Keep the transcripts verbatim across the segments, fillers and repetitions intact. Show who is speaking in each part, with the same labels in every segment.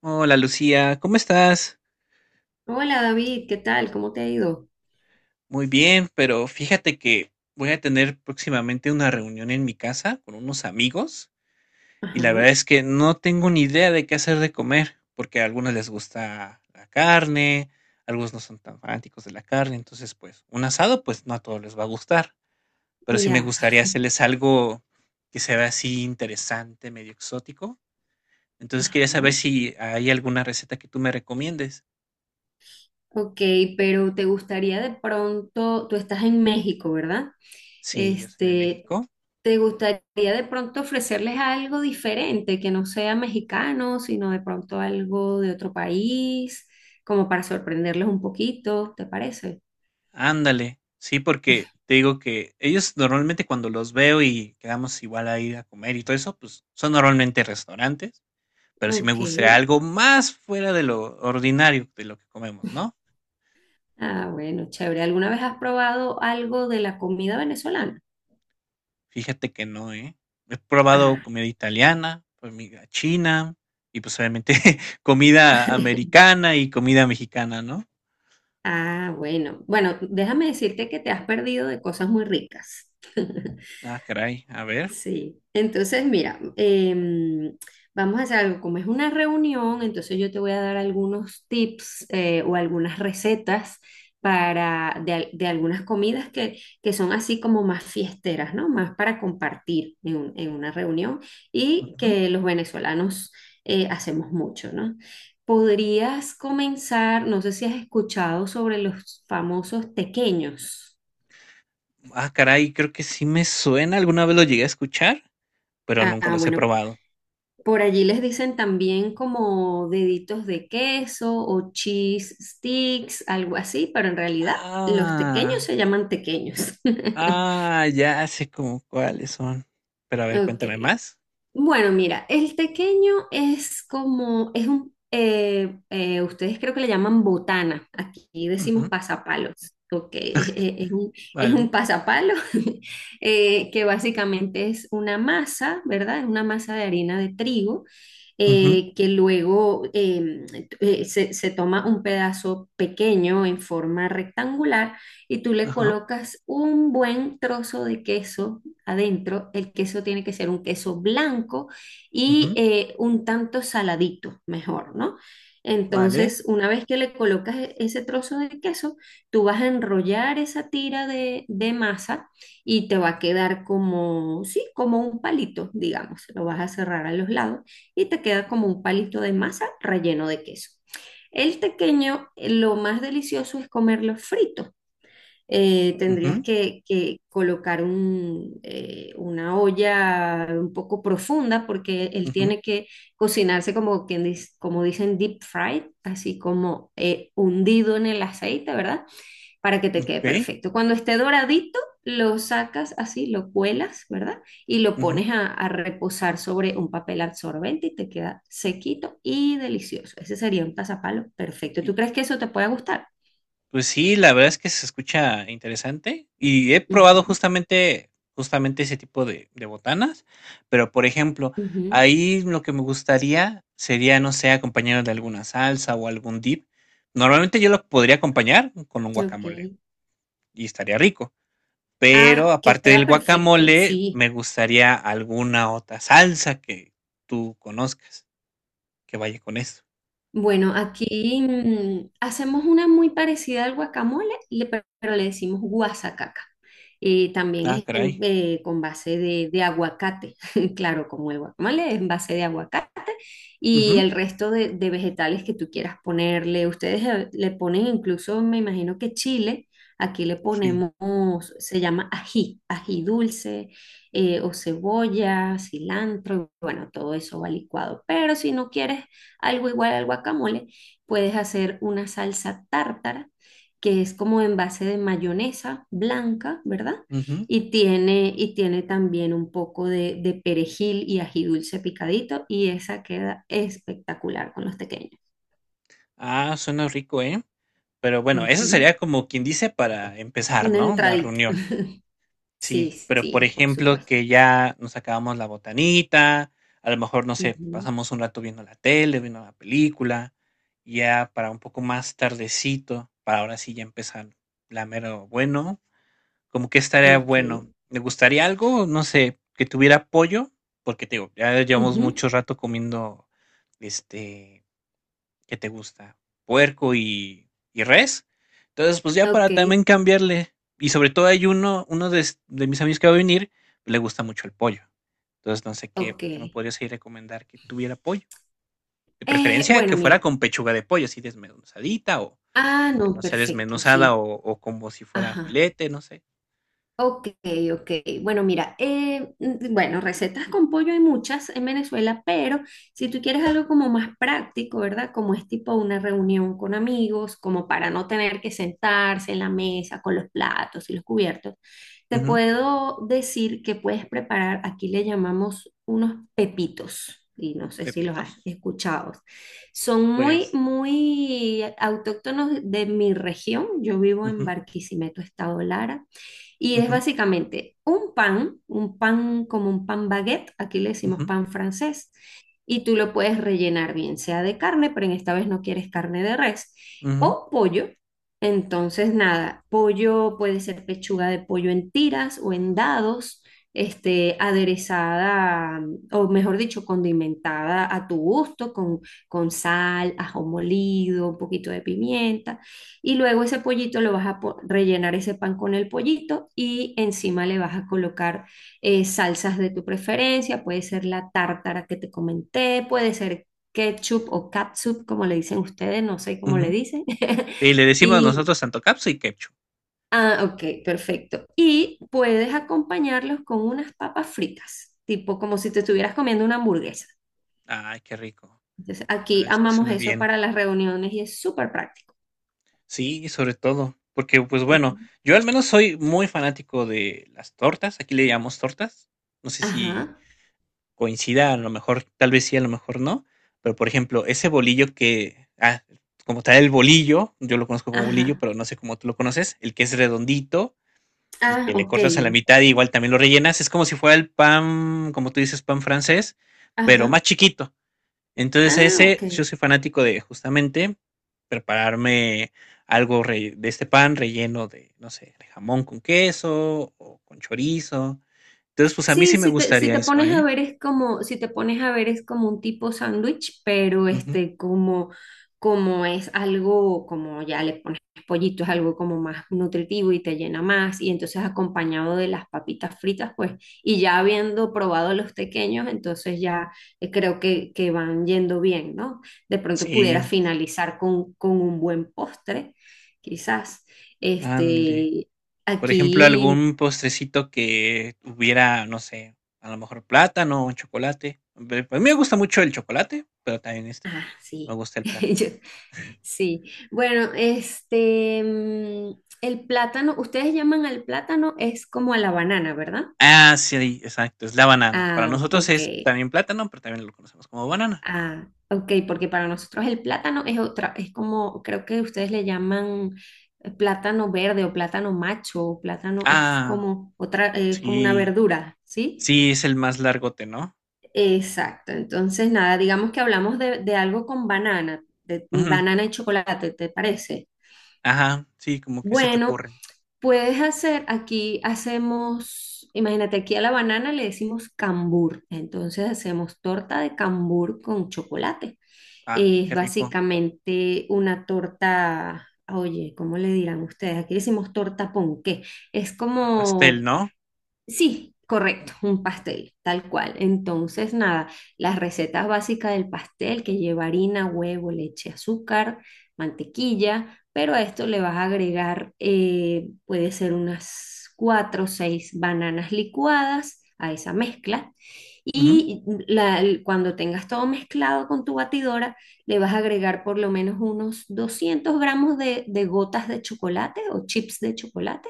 Speaker 1: Hola Lucía, ¿cómo estás?
Speaker 2: Hola David, ¿qué tal? ¿Cómo te ha ido?
Speaker 1: Muy bien, pero fíjate que voy a tener próximamente una reunión en mi casa con unos amigos y la
Speaker 2: Ajá,
Speaker 1: verdad es que no tengo ni idea de qué hacer de comer, porque a algunos les gusta la carne, algunos no son tan fanáticos de la carne, entonces pues un asado pues no a todos les va a gustar, pero sí me
Speaker 2: ya.
Speaker 1: gustaría hacerles algo que se vea así interesante, medio exótico. Entonces quería
Speaker 2: Ajá.
Speaker 1: saber si hay alguna receta que tú me recomiendes.
Speaker 2: Ok, pero te gustaría de pronto, tú estás en México, ¿verdad?
Speaker 1: Sí, yo soy de
Speaker 2: Este,
Speaker 1: México.
Speaker 2: ¿Te gustaría de pronto ofrecerles algo diferente que no sea mexicano, sino de pronto algo de otro país, como para sorprenderles un poquito, ¿te parece?
Speaker 1: Ándale, sí, porque te digo que ellos normalmente cuando los veo y quedamos igual a ir a comer y todo eso, pues son normalmente restaurantes, pero si me
Speaker 2: Ok.
Speaker 1: gustaría algo más fuera de lo ordinario de lo que comemos, ¿no?
Speaker 2: Ah, bueno, chévere. ¿Alguna vez has probado algo de la comida venezolana?
Speaker 1: Fíjate que no, ¿eh? He probado comida italiana, comida china y pues obviamente comida americana y comida mexicana, ¿no?
Speaker 2: Ah, bueno. Bueno, déjame decirte que te has perdido de cosas muy ricas.
Speaker 1: Ah, caray, a ver.
Speaker 2: Sí, entonces mira, em, vamos a hacer algo, como es una reunión, entonces yo te voy a dar algunos tips eh, o algunas recetas para, de, al- de algunas comidas que, que son así como más fiesteras, ¿no? Más para compartir en, un- en una reunión y
Speaker 1: Ujú.
Speaker 2: que los venezolanos eh, hacemos mucho, ¿no? Podrías comenzar, no sé si has escuchado sobre los famosos tequeños.
Speaker 1: Ah, caray, creo que sí me suena, alguna vez lo llegué a escuchar, pero nunca
Speaker 2: Ah,
Speaker 1: los he
Speaker 2: bueno,
Speaker 1: probado.
Speaker 2: por allí les dicen también como deditos de queso o cheese sticks, algo así, pero en realidad los tequeños
Speaker 1: Ah,
Speaker 2: se llaman tequeños.
Speaker 1: ah, ya sé como cuáles son. Pero a ver,
Speaker 2: Ok.
Speaker 1: cuéntame más.
Speaker 2: Bueno, mira, el tequeño es como, es un, eh, eh, ustedes creo que le llaman botana, aquí decimos
Speaker 1: Ujú,
Speaker 2: pasapalos, ok, es, es- es un, es
Speaker 1: vale.
Speaker 2: un pasapalo eh, que básicamente es una masa, ¿verdad? Es una masa de harina de trigo
Speaker 1: Ujú,
Speaker 2: eh, que luego em, eh, se, se toma un pedazo pequeño en forma rectangular y tú le
Speaker 1: ajá.
Speaker 2: colocas un buen trozo de queso adentro, el queso tiene que ser un queso blanco y
Speaker 1: Ujú,
Speaker 2: eh, un tanto saladito, mejor, ¿no?
Speaker 1: vale.
Speaker 2: Entonces, una vez que le colocas e- ese trozo de queso, tú vas a enrollar esa tira de, de masa y te va a quedar como, sí, como un palito, digamos. Lo vas a cerrar a los lados y te queda como un palito de masa relleno de queso. El tequeño, eh, lo más delicioso es comerlo frito. Eh, tendrías
Speaker 1: Ujú,
Speaker 2: que, que colocar un, eh, una olla un poco profunda porque él
Speaker 1: ujú,
Speaker 2: tiene que cocinarse como, quien dis- como dicen deep fried, así como eh, hundido en el aceite, ¿verdad? Para que te quede
Speaker 1: okey.
Speaker 2: perfecto. Cuando esté doradito, lo sacas así, lo cuelas, ¿verdad? Y lo
Speaker 1: Ujú.
Speaker 2: pones a, a reposar sobre un papel absorbente y te queda sequito y delicioso. Ese sería un pasapalo perfecto.
Speaker 1: Y
Speaker 2: ¿Tú crees que eso te puede gustar?
Speaker 1: pues sí, la verdad es que se escucha interesante, y he probado
Speaker 2: Ujú,
Speaker 1: justamente justamente ese tipo de de botanas, pero, por ejemplo,
Speaker 2: ujú,
Speaker 1: ahí lo que me gustaría sería, no sé, acompañarlo de alguna salsa o algún dip. Normalmente yo lo podría acompañar con un guacamole,
Speaker 2: ok.
Speaker 1: y estaría rico. Pero
Speaker 2: Ah,
Speaker 1: aparte
Speaker 2: queda
Speaker 1: del
Speaker 2: perfecto,
Speaker 1: guacamole,
Speaker 2: sí.
Speaker 1: me gustaría alguna otra salsa que tú conozcas que vaya con eso.
Speaker 2: Bueno, aquí mm, hacemos una muy parecida al guacamole, le- pe- pero le decimos guasacaca. Eh, también
Speaker 1: Ah,
Speaker 2: es en-
Speaker 1: caray.
Speaker 2: eh, con base de, de aguacate, claro, como el guacamole es en base de aguacate y
Speaker 1: Ujú,
Speaker 2: el resto de, de vegetales que tú quieras ponerle. Ustedes eh, le ponen, incluso me imagino que chile, aquí le
Speaker 1: sí.
Speaker 2: ponemos, se llama ají, ají dulce, eh, o cebolla, cilantro, bueno, todo eso va licuado. Pero si no quieres algo igual al guacamole, puedes hacer una salsa tártara, que es como en base de mayonesa blanca, ¿verdad?
Speaker 1: Ujú.
Speaker 2: Y tiene, y tiene también un poco de, de perejil y ají dulce picadito, y esa queda espectacular con los pequeños.
Speaker 1: Ah, suena rico, ¿eh? Pero bueno, eso
Speaker 2: Ujú.
Speaker 1: sería como quien dice para empezar,
Speaker 2: Una
Speaker 1: ¿no? La
Speaker 2: entradita.
Speaker 1: reunión.
Speaker 2: Sí,
Speaker 1: Sí, pero por
Speaker 2: sí, por
Speaker 1: ejemplo,
Speaker 2: supuesto.
Speaker 1: que ya nos acabamos la botanita, a lo mejor, no sé, pasamos un rato viendo la tele, viendo la película, ya para un poco más tardecito, para ahora sí ya empezar la mero bueno, como que
Speaker 2: Ujú.
Speaker 1: estaría
Speaker 2: Ok.
Speaker 1: bueno. Me gustaría algo, no sé, que tuviera pollo, porque te digo, ya llevamos
Speaker 2: Ujú.
Speaker 1: mucho rato comiendo, este, ¿qué te gusta? Puerco y, y res. Entonces, pues ya para
Speaker 2: Ok,
Speaker 1: también cambiarle. Y sobre todo hay uno, uno de, de mis amigos que va a venir, le gusta mucho el pollo. Entonces, no sé qué,
Speaker 2: ok.
Speaker 1: qué me podrías ahí recomendar que tuviera pollo. De
Speaker 2: Eh,
Speaker 1: preferencia
Speaker 2: bueno,
Speaker 1: que fuera
Speaker 2: mira.
Speaker 1: con pechuga de pollo, así desmenuzadita o
Speaker 2: Ah,
Speaker 1: aunque
Speaker 2: no,
Speaker 1: no sea
Speaker 2: perfecto,
Speaker 1: desmenuzada
Speaker 2: sí.
Speaker 1: o, o como si fuera
Speaker 2: Ajá.
Speaker 1: filete, no sé.
Speaker 2: Ok, ok. Bueno, mira, eh, mm, bueno, recetas con pollo hay muchas en Venezuela, pero si tú quieres algo como más práctico, ¿verdad? Como es tipo una reunión con amigos, como para no tener que sentarse en la mesa con los platos y los cubiertos, te puedo decir que puedes preparar, aquí le llamamos unos pepitos. Y no sé si los has
Speaker 1: Pepitos,
Speaker 2: escuchado. Son muy,
Speaker 1: pues.
Speaker 2: muy autóctonos de mi región. Yo vivo en
Speaker 1: Ujú,
Speaker 2: Barquisimeto, Estado Lara. Y es
Speaker 1: ujú,
Speaker 2: básicamente un pan, un pan como un pan baguette, aquí le decimos
Speaker 1: ujú,
Speaker 2: pan francés, y tú lo puedes rellenar bien sea de carne, pero en esta vez no quieres carne de res,
Speaker 1: ujú,
Speaker 2: o pollo. Entonces, nada, pollo puede ser pechuga de pollo en tiras o en dados, este, aderezada, o mejor dicho, condimentada a tu gusto, con, con sal, ajo molido, un poquito de pimienta. Y luego ese pollito lo vas a po- rellenar ese pan con el pollito y encima le vas a colocar eh, salsas de tu preferencia. Puede ser la tártara que te comenté, puede ser ketchup o catsup, como le dicen ustedes, no sé cómo le
Speaker 1: ujú.
Speaker 2: dicen.
Speaker 1: Y le decimos
Speaker 2: Y,
Speaker 1: nosotros tanto catsup y ketchup.
Speaker 2: ah, ok, perfecto. Y puedes acompañarlos con unas papas fritas, tipo como si te estuvieras comiendo una hamburguesa.
Speaker 1: Ay, qué rico.
Speaker 2: Entonces,
Speaker 1: La
Speaker 2: aquí
Speaker 1: verdad es que
Speaker 2: amamos
Speaker 1: suena
Speaker 2: eso
Speaker 1: bien.
Speaker 2: para las reuniones y es súper práctico.
Speaker 1: Sí, sobre todo, porque pues
Speaker 2: Ujú.
Speaker 1: bueno, yo al menos soy muy fanático de las tortas, aquí le llamamos tortas. No sé si
Speaker 2: Ajá,
Speaker 1: coincida, a lo mejor, tal vez sí, a lo mejor no, pero por ejemplo, ese bolillo que, ah, como tal el bolillo, yo lo conozco como bolillo,
Speaker 2: ajá.
Speaker 1: pero no sé cómo tú lo conoces, el que es redondito, y
Speaker 2: Ah,
Speaker 1: que le
Speaker 2: ok.
Speaker 1: cortas a la mitad y igual también lo rellenas. Es como si fuera el pan, como tú dices, pan francés, pero
Speaker 2: Ajá.
Speaker 1: más chiquito. Entonces
Speaker 2: Ah, ok.
Speaker 1: ese, yo soy fanático de justamente prepararme algo re- de este pan relleno de, no sé, de jamón con queso o con chorizo. Entonces, pues a mí
Speaker 2: Sí,
Speaker 1: sí me
Speaker 2: si te, si
Speaker 1: gustaría
Speaker 2: te
Speaker 1: eso,
Speaker 2: pones a
Speaker 1: ¿eh?
Speaker 2: ver es como, si te pones a ver es como un tipo sándwich, pero
Speaker 1: Ujú.
Speaker 2: este, como, como es algo, como ya le pones pollito, es algo como más nutritivo y te llena más, y entonces acompañado de las papitas fritas, pues, y ya habiendo probado los pequeños, entonces ya eh, creo que, que van yendo bien, ¿no? De pronto
Speaker 1: Sí,
Speaker 2: pudiera finalizar con, con un buen postre, quizás.
Speaker 1: ándale.
Speaker 2: Este,
Speaker 1: Por ejemplo,
Speaker 2: Aquí.
Speaker 1: algún postrecito que tuviera, no sé, a lo mejor plátano o chocolate. Ve, pues, a mí me gusta mucho el chocolate, pero también, este,
Speaker 2: Ah,
Speaker 1: me
Speaker 2: sí.
Speaker 1: gusta el plátano.
Speaker 2: Yo- sí. Bueno, este, mm, el plátano, ustedes llaman al plátano, es como a la banana, ¿verdad?
Speaker 1: Ah, sí, exacto, es la banana. Para
Speaker 2: Ah,
Speaker 1: nosotros
Speaker 2: ok.
Speaker 1: es también plátano, pero también lo conocemos como banana.
Speaker 2: Ah, ok, porque para nosotros el plátano es otra, es como, creo que ustedes le llaman eh, plátano verde o plátano macho, o plátano es
Speaker 1: Ah,
Speaker 2: como otra, es como una
Speaker 1: sí.
Speaker 2: verdura, ¿sí?
Speaker 1: Sí, es el más largote, ¿no?
Speaker 2: Exacto. Entonces, nada, digamos que hablamos de, de algo con banana, de
Speaker 1: Ujú.
Speaker 2: banana y chocolate, ¿te parece?
Speaker 1: Ajá, sí, como que se te
Speaker 2: Bueno,
Speaker 1: ocurre.
Speaker 2: puedes hacer, aquí hacemos, imagínate, aquí a la banana le decimos cambur, entonces hacemos torta de cambur con chocolate.
Speaker 1: Ay,
Speaker 2: Es
Speaker 1: qué rico.
Speaker 2: básicamente una torta, oye, ¿cómo le dirán ustedes? Aquí decimos torta ponqué. Es
Speaker 1: Para pastel,
Speaker 2: como.
Speaker 1: ¿no?
Speaker 2: Sí, correcto, un pastel, tal cual. Entonces, nada, las recetas básicas del pastel que lleva harina, huevo, leche, azúcar, mantequilla, pero a esto le vas a agregar, eh, puede ser unas cuatro o seis bananas licuadas a esa mezcla.
Speaker 1: Ujú,
Speaker 2: Y la- cuando tengas todo mezclado con tu batidora, le vas a agregar por lo menos unos doscientos gramos de de gotas de chocolate o chips de chocolate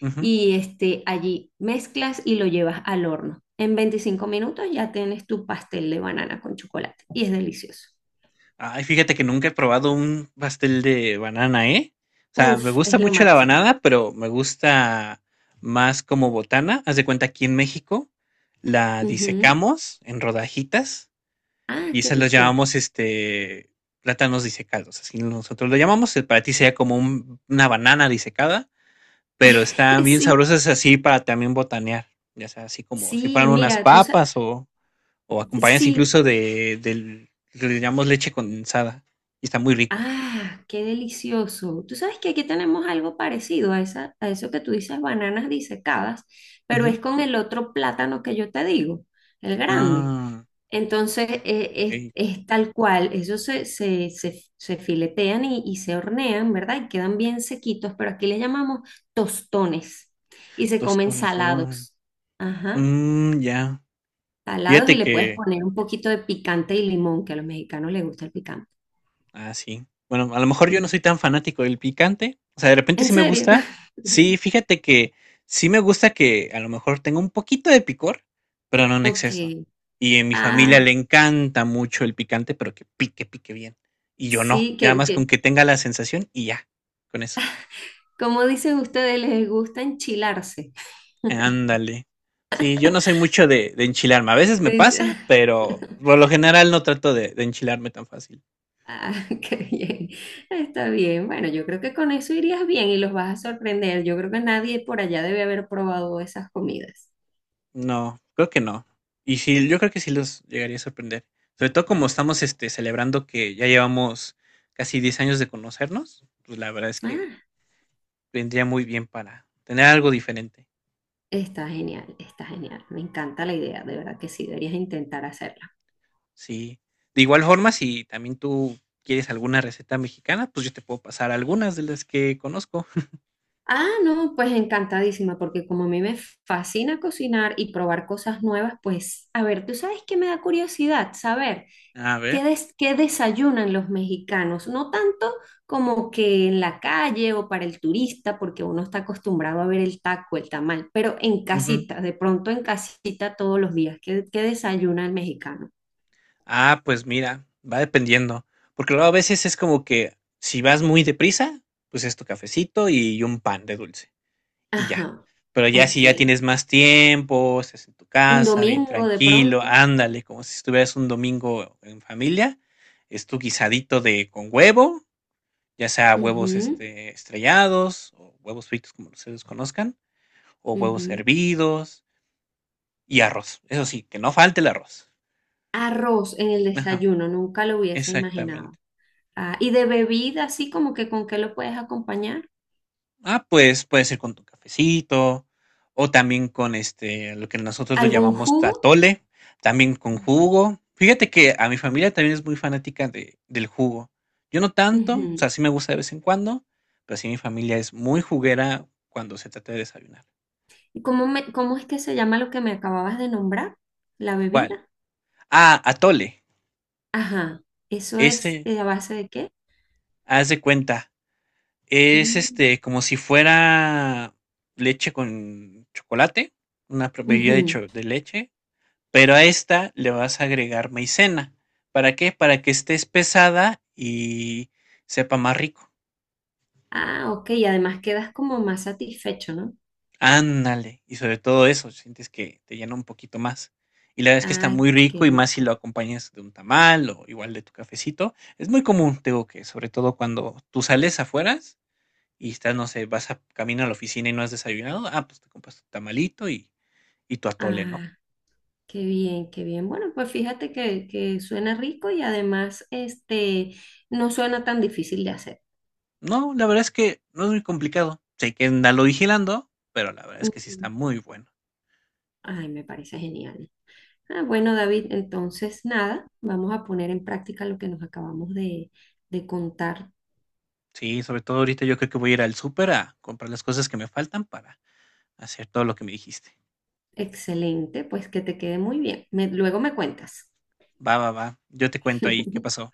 Speaker 1: ujú.
Speaker 2: y este, allí mezclas y lo llevas al horno. En veinticinco minutos ya tienes tu pastel de banana con chocolate y es delicioso.
Speaker 1: Ay, fíjate que nunca he probado un pastel de banana, ¿eh? O sea, me
Speaker 2: Uf,
Speaker 1: gusta
Speaker 2: es lo
Speaker 1: mucho la
Speaker 2: máximo.
Speaker 1: banana, pero me gusta más como botana. Haz de cuenta, aquí en México la
Speaker 2: Ujú.
Speaker 1: disecamos en rodajitas
Speaker 2: Ah,
Speaker 1: y
Speaker 2: qué
Speaker 1: esas los
Speaker 2: rico.
Speaker 1: llamamos este plátanos disecados. Así nosotros lo llamamos. eh, Para ti sería como un- una banana disecada, pero están bien
Speaker 2: Sí,
Speaker 1: sabrosas así para también botanear. Ya sea, así como si
Speaker 2: sí,
Speaker 1: fueran unas
Speaker 2: mira, tú sabes,
Speaker 1: papas o o acompañas
Speaker 2: sí,
Speaker 1: incluso de, del, le llamamos leche condensada y está muy rico.
Speaker 2: ah, qué delicioso. Tú sabes que aquí tenemos algo parecido a esa, a eso que tú dices, bananas disecadas, pero
Speaker 1: Ujú.
Speaker 2: es con el otro plátano que yo te digo, el grande.
Speaker 1: Ah,
Speaker 2: Entonces, eh, es,
Speaker 1: ok,
Speaker 2: es tal cual, ellos se, se, se- se filetean y, y se hornean, ¿verdad? Y quedan bien sequitos, pero aquí le llamamos tostones y se comen
Speaker 1: tostones, oh,
Speaker 2: salados. Ajá,
Speaker 1: mm, ya.
Speaker 2: salados y
Speaker 1: Fíjate
Speaker 2: le puedes
Speaker 1: que,
Speaker 2: poner un poquito de picante y limón, que a los mexicanos les gusta el picante.
Speaker 1: ah, sí. Bueno, a lo mejor yo no
Speaker 2: Mm.
Speaker 1: soy tan fanático del picante, o sea, de repente
Speaker 2: ¿En
Speaker 1: sí me
Speaker 2: serio?
Speaker 1: gusta, sí, fíjate que sí me gusta que a lo mejor tenga un poquito de picor, pero no en
Speaker 2: Ok.
Speaker 1: exceso. Y en mi familia le
Speaker 2: Ah,
Speaker 1: encanta mucho el picante, pero que pique, pique bien. Y yo no,
Speaker 2: sí,
Speaker 1: ya
Speaker 2: que,
Speaker 1: más con
Speaker 2: que
Speaker 1: que tenga la sensación y ya, con eso.
Speaker 2: como dicen ustedes, les gusta enchilarse.
Speaker 1: Ándale. Sí, yo no soy mucho de, de enchilarme. A veces me
Speaker 2: De-
Speaker 1: pasa, pero por lo general no trato de, de enchilarme tan fácil.
Speaker 2: Ah, qué bien. Está bien. Bueno, yo creo que con eso irías bien y los vas a sorprender. Yo creo que nadie por allá debe haber probado esas comidas.
Speaker 1: No, creo que no. Y sí, yo creo que sí los llegaría a sorprender. Sobre todo como estamos este, celebrando que ya llevamos casi diez años de conocernos, pues la verdad es que
Speaker 2: Ah,
Speaker 1: vendría muy bien para tener algo diferente.
Speaker 2: está genial, está genial. Me encanta la idea, de verdad que sí, deberías intentar hacerla.
Speaker 1: Sí. De igual forma, si también tú quieres alguna receta mexicana, pues yo te puedo pasar algunas de las que conozco.
Speaker 2: Ah, no, pues encantadísima, porque como a mí me fascina cocinar y probar cosas nuevas, pues, a ver, tú sabes que me da curiosidad saber.
Speaker 1: A
Speaker 2: ¿Qué,
Speaker 1: ver.
Speaker 2: des- qué desayunan los mexicanos? No tanto como que en la calle o para el turista, porque uno está acostumbrado a ver el taco, el tamal, pero en casita, de pronto en casita todos los días. ¿Qué, qué desayuna el mexicano?
Speaker 1: Ah, pues mira, va dependiendo, porque luego a veces es como que si vas muy deprisa, pues es tu cafecito y un pan de dulce y ya.
Speaker 2: Ajá,
Speaker 1: Pero ya
Speaker 2: ok.
Speaker 1: si ya tienes más tiempo, estás en tu
Speaker 2: Un
Speaker 1: casa, bien
Speaker 2: domingo de
Speaker 1: tranquilo,
Speaker 2: pronto.
Speaker 1: ándale, como si estuvieras un domingo en familia, es tu guisadito de con huevo, ya sea huevos
Speaker 2: Ujú,
Speaker 1: este, estrellados o huevos fritos como ustedes conozcan, o huevos
Speaker 2: ujú.
Speaker 1: hervidos y arroz. Eso sí, que no falte el arroz.
Speaker 2: Arroz en el
Speaker 1: Ajá,
Speaker 2: desayuno, nunca lo hubiese
Speaker 1: exactamente.
Speaker 2: imaginado. Ah, y de bebida, así como que con qué lo puedes acompañar.
Speaker 1: Ah, pues, puede ser con tu cafecito o también con, este, lo que nosotros lo
Speaker 2: ¿Algún
Speaker 1: llamamos
Speaker 2: jugo?
Speaker 1: atole, también con jugo. Fíjate que a mi familia también es muy fanática de del jugo. Yo no tanto, o
Speaker 2: Ujú.
Speaker 1: sea, sí me gusta de vez en cuando, pero sí mi familia es muy juguera cuando se trata de desayunar.
Speaker 2: ¿Y cómo me, cómo es que se llama lo que me acababas de nombrar? La
Speaker 1: ¿Cuál?
Speaker 2: bebida.
Speaker 1: Ah, atole.
Speaker 2: Ajá. ¿Eso es
Speaker 1: Este,
Speaker 2: eh, a base de qué?
Speaker 1: haz de cuenta, es,
Speaker 2: Mm,
Speaker 1: este, como si fuera leche con chocolate, una pro- bebida de
Speaker 2: ujú.
Speaker 1: cho de leche. Pero a esta le vas a agregar maicena. ¿Para qué? Para que esté espesada y sepa más rico.
Speaker 2: Ah, ok. Y además quedas como más satisfecho, ¿no?
Speaker 1: Ándale. Y sobre todo eso, sientes que te llena un poquito más. Y la verdad es que está
Speaker 2: Ay,
Speaker 1: muy
Speaker 2: qué
Speaker 1: rico y más si lo
Speaker 2: rico.
Speaker 1: acompañas de un tamal o igual de tu cafecito. Es muy común, te digo que, sobre todo cuando tú sales afuera y estás, no sé, vas a camino a la oficina y no has desayunado, ah, pues te compras tu tamalito y, y tu atole, ¿no?
Speaker 2: Ah, qué bien, qué bien. Bueno, pues fíjate que, que suena rico y además este no suena tan difícil de hacer.
Speaker 1: No, la verdad es que no es muy complicado. Sé que andalo vigilando, pero la verdad es que sí
Speaker 2: Ujú.
Speaker 1: está muy bueno.
Speaker 2: Ay, me parece genial. Ah, bueno, David, entonces nada, vamos a poner en práctica lo que nos acabamos de de contar.
Speaker 1: Sí, sobre todo ahorita yo creo que voy a ir al súper a comprar las cosas que me faltan para hacer todo lo que me dijiste.
Speaker 2: Excelente, pues que te quede muy bien. Me- luego me cuentas.
Speaker 1: Va, va, va. Yo te cuento ahí qué pasó.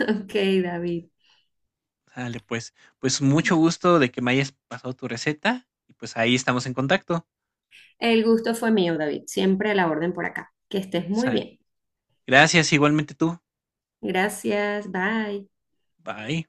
Speaker 2: Ok, David.
Speaker 1: Sale, pues. Pues mucho gusto de que me hayas pasado tu receta y pues ahí estamos en contacto.
Speaker 2: El gusto fue mío, David. Siempre a la orden por acá. Que estés muy
Speaker 1: Sa-
Speaker 2: bien.
Speaker 1: gracias igualmente tú.
Speaker 2: Gracias, bye.
Speaker 1: Bye.